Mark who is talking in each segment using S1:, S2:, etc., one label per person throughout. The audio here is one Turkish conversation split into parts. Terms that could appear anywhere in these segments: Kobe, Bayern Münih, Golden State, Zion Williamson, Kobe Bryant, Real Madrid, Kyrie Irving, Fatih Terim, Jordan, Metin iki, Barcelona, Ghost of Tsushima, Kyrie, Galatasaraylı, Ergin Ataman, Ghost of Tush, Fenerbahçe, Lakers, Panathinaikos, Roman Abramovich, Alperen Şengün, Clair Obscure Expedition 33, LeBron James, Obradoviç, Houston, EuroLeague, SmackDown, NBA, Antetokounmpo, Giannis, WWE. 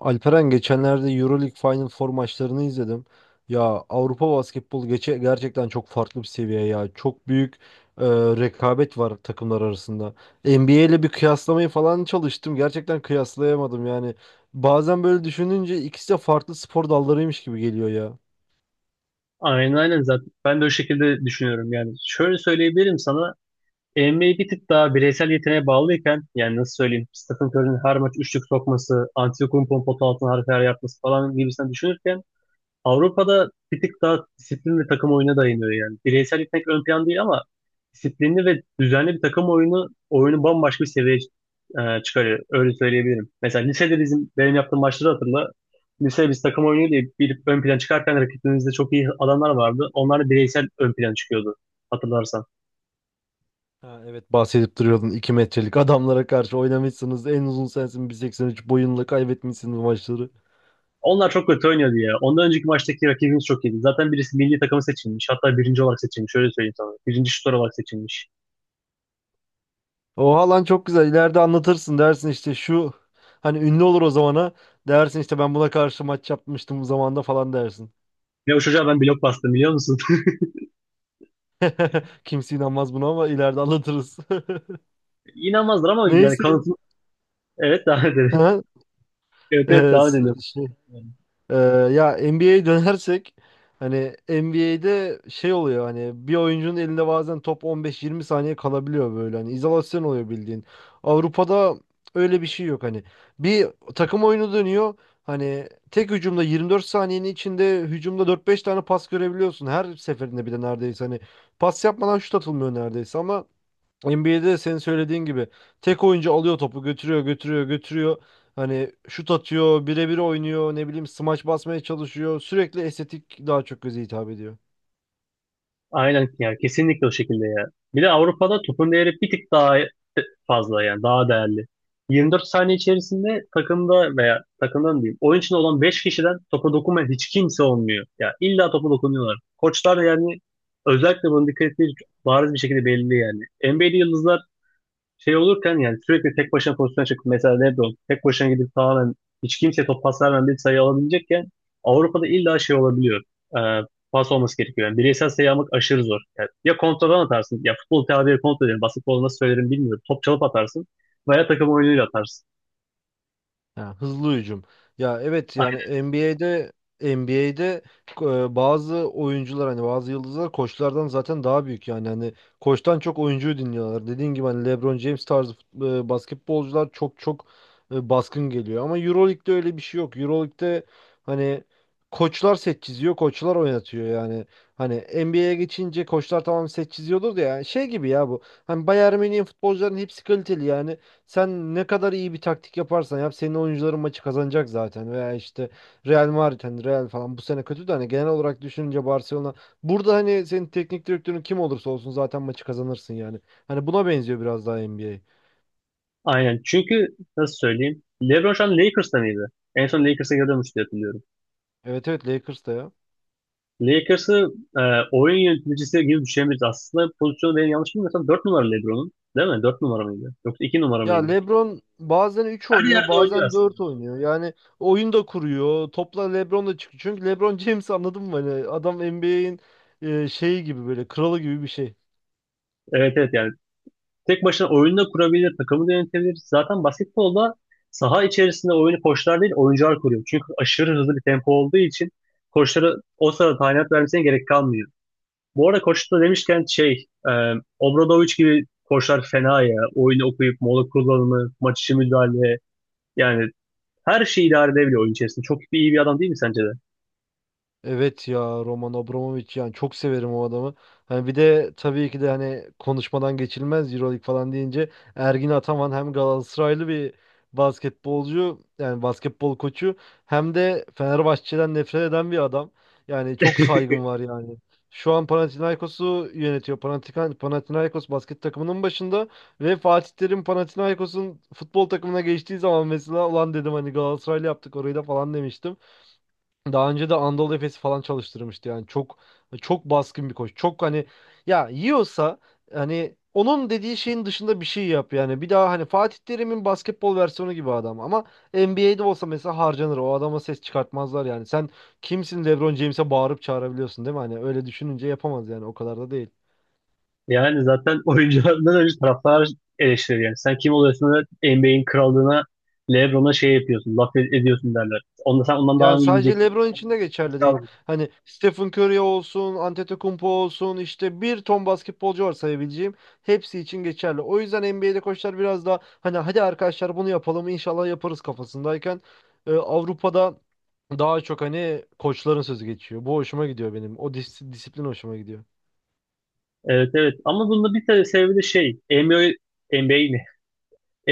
S1: Alperen, geçenlerde EuroLeague Final Four maçlarını izledim. Ya, Avrupa basketbol geçe gerçekten çok farklı bir seviye ya. Çok büyük rekabet var takımlar arasında. NBA ile bir kıyaslamayı falan çalıştım. Gerçekten kıyaslayamadım yani. Bazen böyle düşününce ikisi de farklı spor dallarıymış gibi geliyor ya.
S2: Aynen, aynen, zaten. Ben de o şekilde düşünüyorum yani. Şöyle söyleyebilirim sana. NBA bir tık daha bireysel yeteneğe bağlıyken yani nasıl söyleyeyim, Stephen Curry'nin her maç üçlük sokması, Antetokounmpo'nun pota altına harika yer yapması falan gibisinden düşünürken Avrupa'da bir tık daha disiplin ve takım oyuna dayanıyor yani. Bireysellik pek ön plan değil ama disiplinli ve düzenli bir takım oyunu bambaşka bir seviyeye çıkarıyor. Öyle söyleyebilirim. Mesela lisede bizim benim yaptığım maçları hatırla. Lisede biz takım oyunu diye bir ön plan çıkarken rakibimizde çok iyi adamlar vardı. Onlar da bireysel ön plan çıkıyordu hatırlarsan.
S1: Ha, evet, bahsedip duruyordun 2 metrelik adamlara karşı oynamışsınız. En uzun sensin, 1.83 boyunla kaybetmişsiniz maçları.
S2: Onlar çok kötü oynuyordu ya. Ondan önceki maçtaki rakibimiz çok iyiydi. Zaten birisi milli takımı seçilmiş. Hatta birinci olarak seçilmiş. Öyle söyleyeyim sana. Birinci şutör olarak seçilmiş.
S1: Oha lan, çok güzel. İleride anlatırsın, dersin işte şu hani ünlü olur o zamana. Dersin işte ben buna karşı maç yapmıştım bu zamanda falan dersin.
S2: Ve o çocuğa ben blok bastım, biliyor musun?
S1: Kimse inanmaz buna ama ileride anlatırız.
S2: İnanmazlar ama yani
S1: Neyse.
S2: kanıtım evet, devam edelim.
S1: Ha?
S2: Evet, evet,
S1: Ee,
S2: devam
S1: s-
S2: edelim.
S1: şey, Ee, ya NBA'ye dönersek hani NBA'de şey oluyor, hani bir oyuncunun elinde bazen top 15-20 saniye kalabiliyor, böyle hani izolasyon oluyor bildiğin. Avrupa'da öyle bir şey yok hani. Bir takım oyunu dönüyor. Hani tek hücumda 24 saniyenin içinde hücumda dört beş tane pas görebiliyorsun. Her seferinde bir de neredeyse hani pas yapmadan şut atılmıyor neredeyse, ama NBA'de senin söylediğin gibi tek oyuncu alıyor topu götürüyor. Hani şut atıyor, birebir oynuyor, ne bileyim smaç basmaya çalışıyor. Sürekli estetik, daha çok göze hitap ediyor.
S2: Aynen, yani kesinlikle o şekilde ya. Bir de Avrupa'da topun değeri bir tık daha fazla yani daha değerli. 24 saniye içerisinde takımda veya takımdan diyeyim, oyun içinde olan 5 kişiden topa dokunmayan hiç kimse olmuyor. Ya illa topa dokunuyorlar. Koçlar da yani özellikle bunu dikkat ettiği bariz bir şekilde belli yani. NBA'de yıldızlar şey olurken yani sürekli tek başına pozisyona çıkıp mesela LeBron tek başına gidip tamamen hiç kimseye top pas vermeden bir sayı alabilecekken Avrupa'da illa şey olabiliyor. Ee, Pas olması gerekiyor. Yani bireysel sayı almak aşırı zor. Yani ya kontradan atarsın. Ya, futbol tabiri kontra derim. Basketbol nasıl söylerim bilmiyorum. Top çalıp atarsın. Veya takım oyunuyla atarsın.
S1: Ha, hızlı hücum. Ya evet yani
S2: Aynen.
S1: NBA'de NBA'de bazı oyuncular, hani bazı yıldızlar koçlardan zaten daha büyük yani, hani koçtan çok oyuncuyu dinliyorlar. Dediğin gibi hani LeBron James tarzı basketbolcular çok çok baskın geliyor ama EuroLeague'de öyle bir şey yok. EuroLeague'de hani koçlar set çiziyor, koçlar oynatıyor yani. Hani NBA'ye geçince koçlar tamam set çiziyordur da, yani şey gibi ya bu. Hani Bayern Münih'in futbolcuların hepsi kaliteli yani. Sen ne kadar iyi bir taktik yaparsan yap senin oyuncuların maçı kazanacak zaten. Veya işte Real Madrid, hani Real falan bu sene kötü de hani genel olarak düşününce Barcelona, burada hani senin teknik direktörün kim olursa olsun zaten maçı kazanırsın yani. Hani buna benziyor biraz daha NBA.
S2: Aynen. Çünkü nasıl söyleyeyim? LeBron şu an Lakers'ta mıydı? En son Lakers'a gidiyormuş diye hatırlıyorum.
S1: Evet evet, Lakers da ya.
S2: Lakers'ı e, oyun yöneticisi gibi düşünebiliriz. Aslında pozisyonu, benim yanlış bilmiyorsam, 4 numara LeBron'un. Değil mi? 4 numara mıydı? Yoksa 2 numara
S1: Ya
S2: mıydı?
S1: LeBron bazen 3
S2: Her
S1: oynuyor,
S2: yerde oynuyor
S1: bazen 4
S2: aslında.
S1: oynuyor. Yani oyun da kuruyor. Topla LeBron da çıkıyor. Çünkü LeBron James, anladın mı? Hani adam NBA'in şeyi gibi, böyle kralı gibi bir şey.
S2: Evet, evet, yani. Tek başına oyunu da kurabilir, takımı da yönetebilir. Zaten basketbolda saha içerisinde oyunu koçlar değil, oyuncular kuruyor. Çünkü aşırı hızlı bir tempo olduğu için koçlara o sırada talimat vermesine gerek kalmıyor. Bu arada koç da demişken, şey, Obradoviç gibi koçlar fena ya. Oyunu okuyup mola kullanımı, maç içi müdahale, yani her şeyi idare edebiliyor oyun içerisinde. Çok bir iyi bir adam, değil mi sence de?
S1: Evet ya, Roman Abramovich, yani çok severim o adamı. Hani bir de tabii ki de hani konuşmadan geçilmez Euroleague falan deyince, Ergin Ataman hem Galatasaraylı bir basketbolcu, yani basketbol koçu, hem de Fenerbahçe'den nefret eden bir adam. Yani çok saygım var yani. Şu an Panathinaikos'u yönetiyor. Panathinaikos basket takımının başında, ve Fatih Terim Panathinaikos'un futbol takımına geçtiği zaman mesela ulan dedim, hani Galatasaraylı yaptık orayı da falan demiştim. Daha önce de Anadolu Efes'i falan çalıştırmıştı, yani çok çok baskın bir koç. Çok hani, ya yiyorsa hani onun dediği şeyin dışında bir şey yap yani. Bir daha hani Fatih Terim'in basketbol versiyonu gibi adam, ama NBA'de olsa mesela harcanır. O adama ses çıkartmazlar yani. Sen kimsin LeBron James'e bağırıp çağırabiliyorsun, değil mi? Hani öyle düşününce yapamaz yani, o kadar da değil.
S2: Yani zaten oyunculardan önce taraftar eleştirir yani. Sen kim oluyorsun da NBA'in krallığına, LeBron'a şey yapıyorsun, laf ediyorsun derler. Onda sen ondan daha
S1: Yani
S2: mı iyi
S1: sadece
S2: bileceksin.
S1: LeBron için de geçerli
S2: Aşağı.
S1: değil. Hani Stephen Curry olsun, Antetokounmpo olsun, işte bir ton basketbolcu var sayabileceğim. Hepsi için geçerli. O yüzden NBA'de koçlar biraz daha hani hadi arkadaşlar bunu yapalım inşallah yaparız kafasındayken, Avrupa'da daha çok hani koçların sözü geçiyor. Bu hoşuma gidiyor benim. O disiplin hoşuma gidiyor.
S2: Evet, evet, ama bunda bir tane sebebi de şey NBA, NBA ne?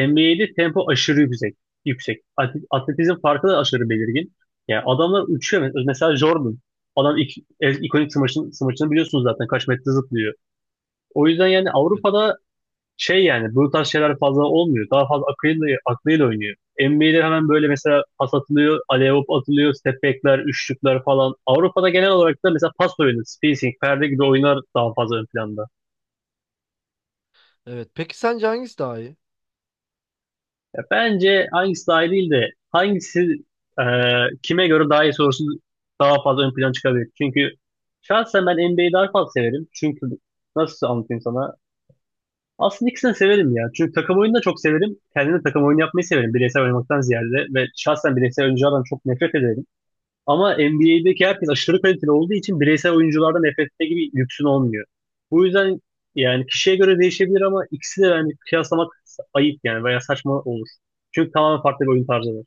S2: NBA'de tempo aşırı yüksek. Atletizm farkı da aşırı belirgin. Yani adamlar uçuyor. Mesela Jordan. Adam ikonik smaçını biliyorsunuz, zaten kaç metre zıplıyor. O yüzden yani Avrupa'da şey, yani bu tarz şeyler fazla olmuyor. Daha fazla akıyla, aklıyla oynuyor. NBA'de hemen böyle mesela pas atılıyor, alley atılıyor, step back'ler, üçlükler falan. Avrupa'da genel olarak da mesela pas oyunu, spacing, perde gibi oyunlar daha fazla ön planda.
S1: Evet. Peki sence hangisi daha iyi?
S2: Ya bence hangisi daha iyi değil de hangisi e, kime göre daha iyi sorusu daha fazla ön plana çıkabilir. Çünkü şahsen ben NBA'yi daha fazla severim. Çünkü nasıl anlatayım sana? Aslında ikisini de severim ya. Çünkü takım oyunu da çok severim. Kendim de takım oyunu yapmayı severim bireysel oynamaktan ziyade. Ve şahsen bireysel oyunculardan çok nefret ederim. Ama NBA'deki herkes aşırı kaliteli olduğu için bireysel oyunculardan nefret etme gibi lüksün olmuyor. Bu yüzden yani kişiye göre değişebilir ama ikisi de yani kıyaslamak ayıp yani, veya saçma olur. Çünkü tamamen farklı bir oyun tarzı var.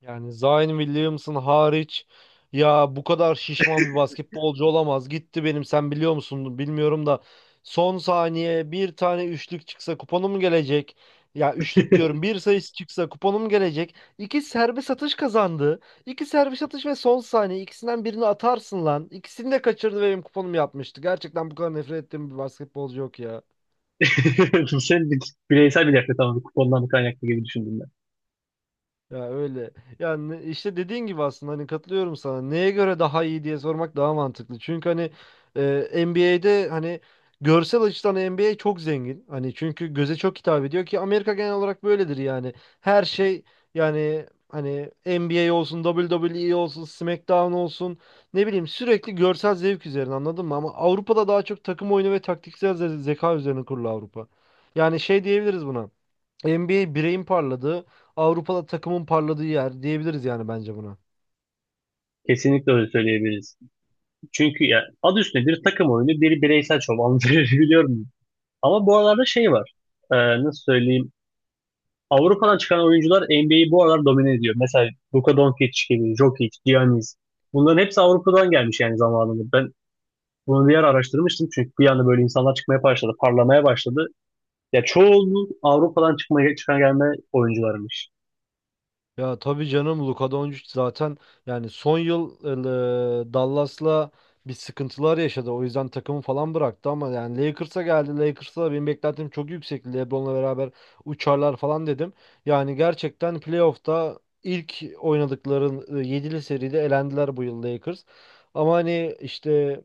S1: Yani Zion Williamson hariç, ya bu kadar şişman bir basketbolcu olamaz. Gitti benim, sen biliyor musun bilmiyorum da son saniye bir tane üçlük çıksa kuponum gelecek. Ya üçlük diyorum, bir sayısı çıksa kuponum gelecek. İki serbest atış kazandı. İki serbest atış ve son saniye, ikisinden birini atarsın lan. İkisini de kaçırdı ve benim kuponum yapmıştı. Gerçekten bu kadar nefret ettiğim bir basketbolcu yok ya.
S2: Senin bireysel bir nefret ama kupondan kaynaklı gibi düşündüm ben.
S1: Ya öyle. Yani işte dediğin gibi aslında hani katılıyorum sana. Neye göre daha iyi diye sormak daha mantıklı. Çünkü hani NBA'de hani görsel açıdan NBA çok zengin. Hani çünkü göze çok hitap ediyor, ki Amerika genel olarak böyledir yani. Her şey, yani hani NBA olsun, WWE olsun, SmackDown olsun, ne bileyim sürekli görsel zevk üzerine, anladın mı? Ama Avrupa'da daha çok takım oyunu ve taktiksel zeka üzerine kurulu Avrupa. Yani şey diyebiliriz buna. NBA bireyin parladığı, Avrupa'da takımın parladığı yer diyebiliriz yani bence buna.
S2: Kesinlikle öyle söyleyebiliriz. Çünkü ya adı üstünde, bir takım oyunu, biri bireysel şov. Anlatabiliyor. Ama bu aralarda şey var. Ee, Nasıl söyleyeyim? Avrupa'dan çıkan oyuncular NBA'yi bu aralar domine ediyor. Mesela Luka Doncic gibi, Jokic, Giannis. Bunların hepsi Avrupa'dan gelmiş yani zamanında. Ben bunu bir yer araştırmıştım çünkü bir anda böyle insanlar çıkmaya başladı, parlamaya başladı. Ya çoğunluğu Avrupa'dan çıkmaya, çıkan gelme oyuncularmış.
S1: Ya tabii canım, Luka Doncic zaten yani son yıl Dallas'la bir sıkıntılar yaşadı. O yüzden takımı falan bıraktı ama yani Lakers'a geldi. Lakers'a da benim beklentim çok yüksekti. LeBron'la beraber uçarlar falan dedim. Yani gerçekten playoff'ta ilk oynadıkları yedili seride elendiler bu yıl Lakers. Ama hani işte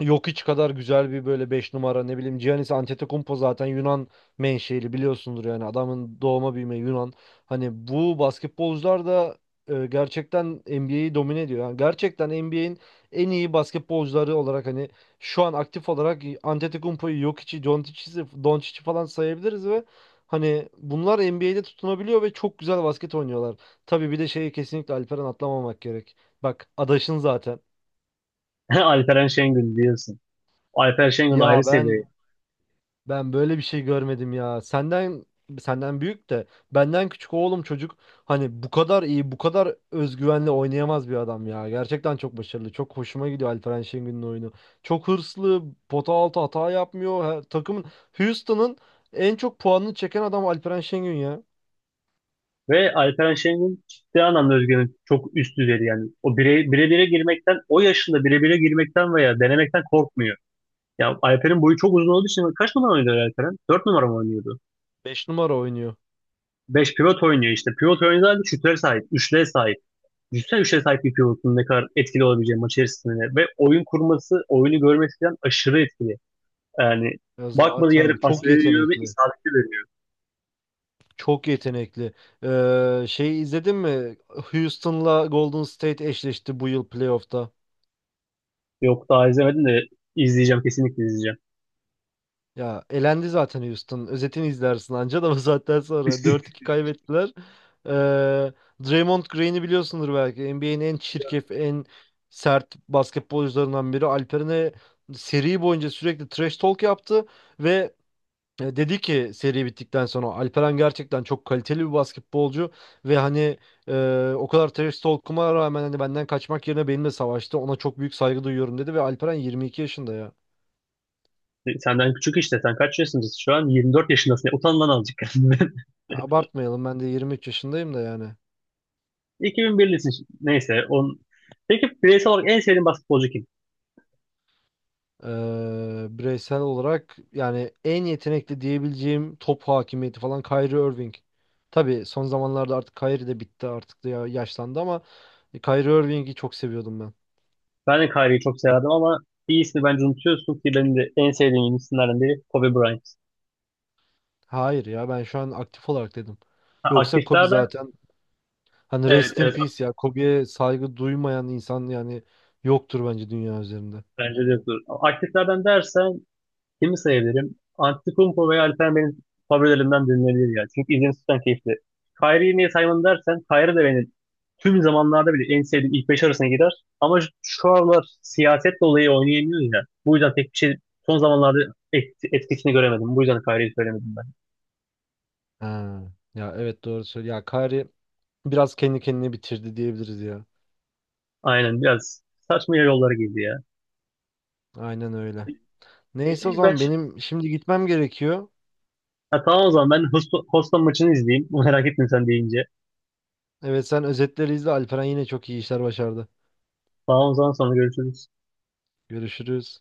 S1: yok hiç kadar güzel bir böyle 5 numara, ne bileyim Giannis Antetokounmpo zaten Yunan menşeli biliyorsundur, yani adamın doğma büyüme Yunan. Hani bu basketbolcular da gerçekten NBA'yi domine ediyor. Yani gerçekten NBA'in en iyi basketbolcuları olarak hani şu an aktif olarak Antetokounmpo'yu, Jokic'i, Doncic'i falan sayabiliriz ve hani bunlar NBA'de tutunabiliyor ve çok güzel basket oynuyorlar. Tabii bir de şeyi kesinlikle Alperen atlamamak gerek. Bak adaşın zaten.
S2: Alperen Şengün diyorsun. Alperen Şengün ayrı
S1: Ya
S2: seviye.
S1: ben Ben böyle bir şey görmedim ya. Senden büyük de benden küçük oğlum, çocuk hani bu kadar iyi, bu kadar özgüvenle oynayamaz bir adam ya. Gerçekten çok başarılı. Çok hoşuma gidiyor Alperen Şengün'ün oyunu. Çok hırslı, pota altı hata yapmıyor. Her, takımın Houston'ın en çok puanını çeken adam Alperen Şengün ya.
S2: Ve Alperen Şengün ciddi anlamda Özge'nin çok üst düzeydi yani. O bire bire girmekten, o yaşında bire bire girmekten veya denemekten korkmuyor. Ya Alper'in boyu çok uzun olduğu için kaç numara oynuyordu Alperen? 4 numara mı oynuyordu?
S1: Beş numara oynuyor.
S2: Beş, pivot oynuyor işte. Pivot oynadığı halde şutlara sahip, üçlüye sahip. Düşünsene, üçlüye sahip bir pivotun ne kadar etkili olabileceği maç içerisinde. Ve oyun kurması, oyunu görmesi falan aşırı etkili. Yani
S1: Ya
S2: bakmadığı yere
S1: zaten
S2: pas
S1: çok
S2: veriyor ve
S1: yetenekli.
S2: isabetli veriyor.
S1: Çok yetenekli. Şeyi izledin mi? Houston'la Golden State eşleşti bu yıl playoff'ta.
S2: Yok, daha izlemedim de izleyeceğim, kesinlikle izleyeceğim.
S1: Ya elendi zaten Houston. Özetini izlersin anca da bu saatten sonra. Dört iki kaybettiler. Ee, Draymond Green'i biliyorsundur belki. NBA'in en çirkef, en sert basketbolcularından biri. Alperen'e seri boyunca sürekli trash talk yaptı ve dedi ki seri bittikten sonra Alperen gerçekten çok kaliteli bir basketbolcu ve hani o kadar trash talk'uma rağmen hani benden kaçmak yerine benimle savaştı. Ona çok büyük saygı duyuyorum dedi, ve Alperen 22 yaşında ya.
S2: Senden küçük işte. Sen kaç yaşındasın şu an? 24 yaşındasın. Ya, utan lan azıcık.
S1: Abartmayalım, ben de 23 yaşındayım da yani.
S2: 2001'lisin. Neyse. On... Peki bireysel olarak en sevdiğin basketbolcu kim?
S1: Bireysel olarak yani en yetenekli diyebileceğim, top hakimiyeti falan, Kyrie Irving. Tabii son zamanlarda artık Kyrie de bitti artık da yaşlandı, ama Kyrie Irving'i çok seviyordum ben.
S2: Ben de Kyrie'yi çok severdim ama bir ismi bence unutuyorsun ki benim de en sevdiğim isimlerden biri Kobe Bryant.
S1: Hayır ya, ben şu an aktif olarak dedim.
S2: Ha,
S1: Yoksa Kobe
S2: aktiflerden
S1: zaten, hani
S2: evet,
S1: rest in
S2: evet,
S1: peace, ya Kobe'ye saygı duymayan insan yani yoktur bence dünya üzerinde.
S2: bence de, dur. Aktiflerden dersen kimi sayabilirim? Antetokounmpo veya Alperen benim favorilerimden birileri ya. Çünkü izlemesi keyifli. Kyrie'yi niye saymadım dersen, Kyrie de benim tüm zamanlarda bile en sevdiğim ilk beş arasına gider. Ama şu aralar siyaset dolayı oynayamıyor ya. Bu yüzden pek bir şey son zamanlarda etkisini göremedim. Bu yüzden Kyrie'yi söylemedim ben.
S1: Ha, ya evet doğru söylüyor. Ya Kyrie biraz kendi kendine bitirdi diyebiliriz ya.
S2: Aynen, biraz saçma yollara girdi ya.
S1: Aynen öyle. Neyse, o
S2: Peki ben
S1: zaman
S2: şimdi...
S1: benim şimdi gitmem gerekiyor.
S2: Ha, tamam, o zaman ben Houston maçını izleyeyim. Merak ettim sen deyince.
S1: Evet, sen özetleri izle. Alperen yine çok iyi işler başardı.
S2: Tamam, o zaman sonra görüşürüz.
S1: Görüşürüz.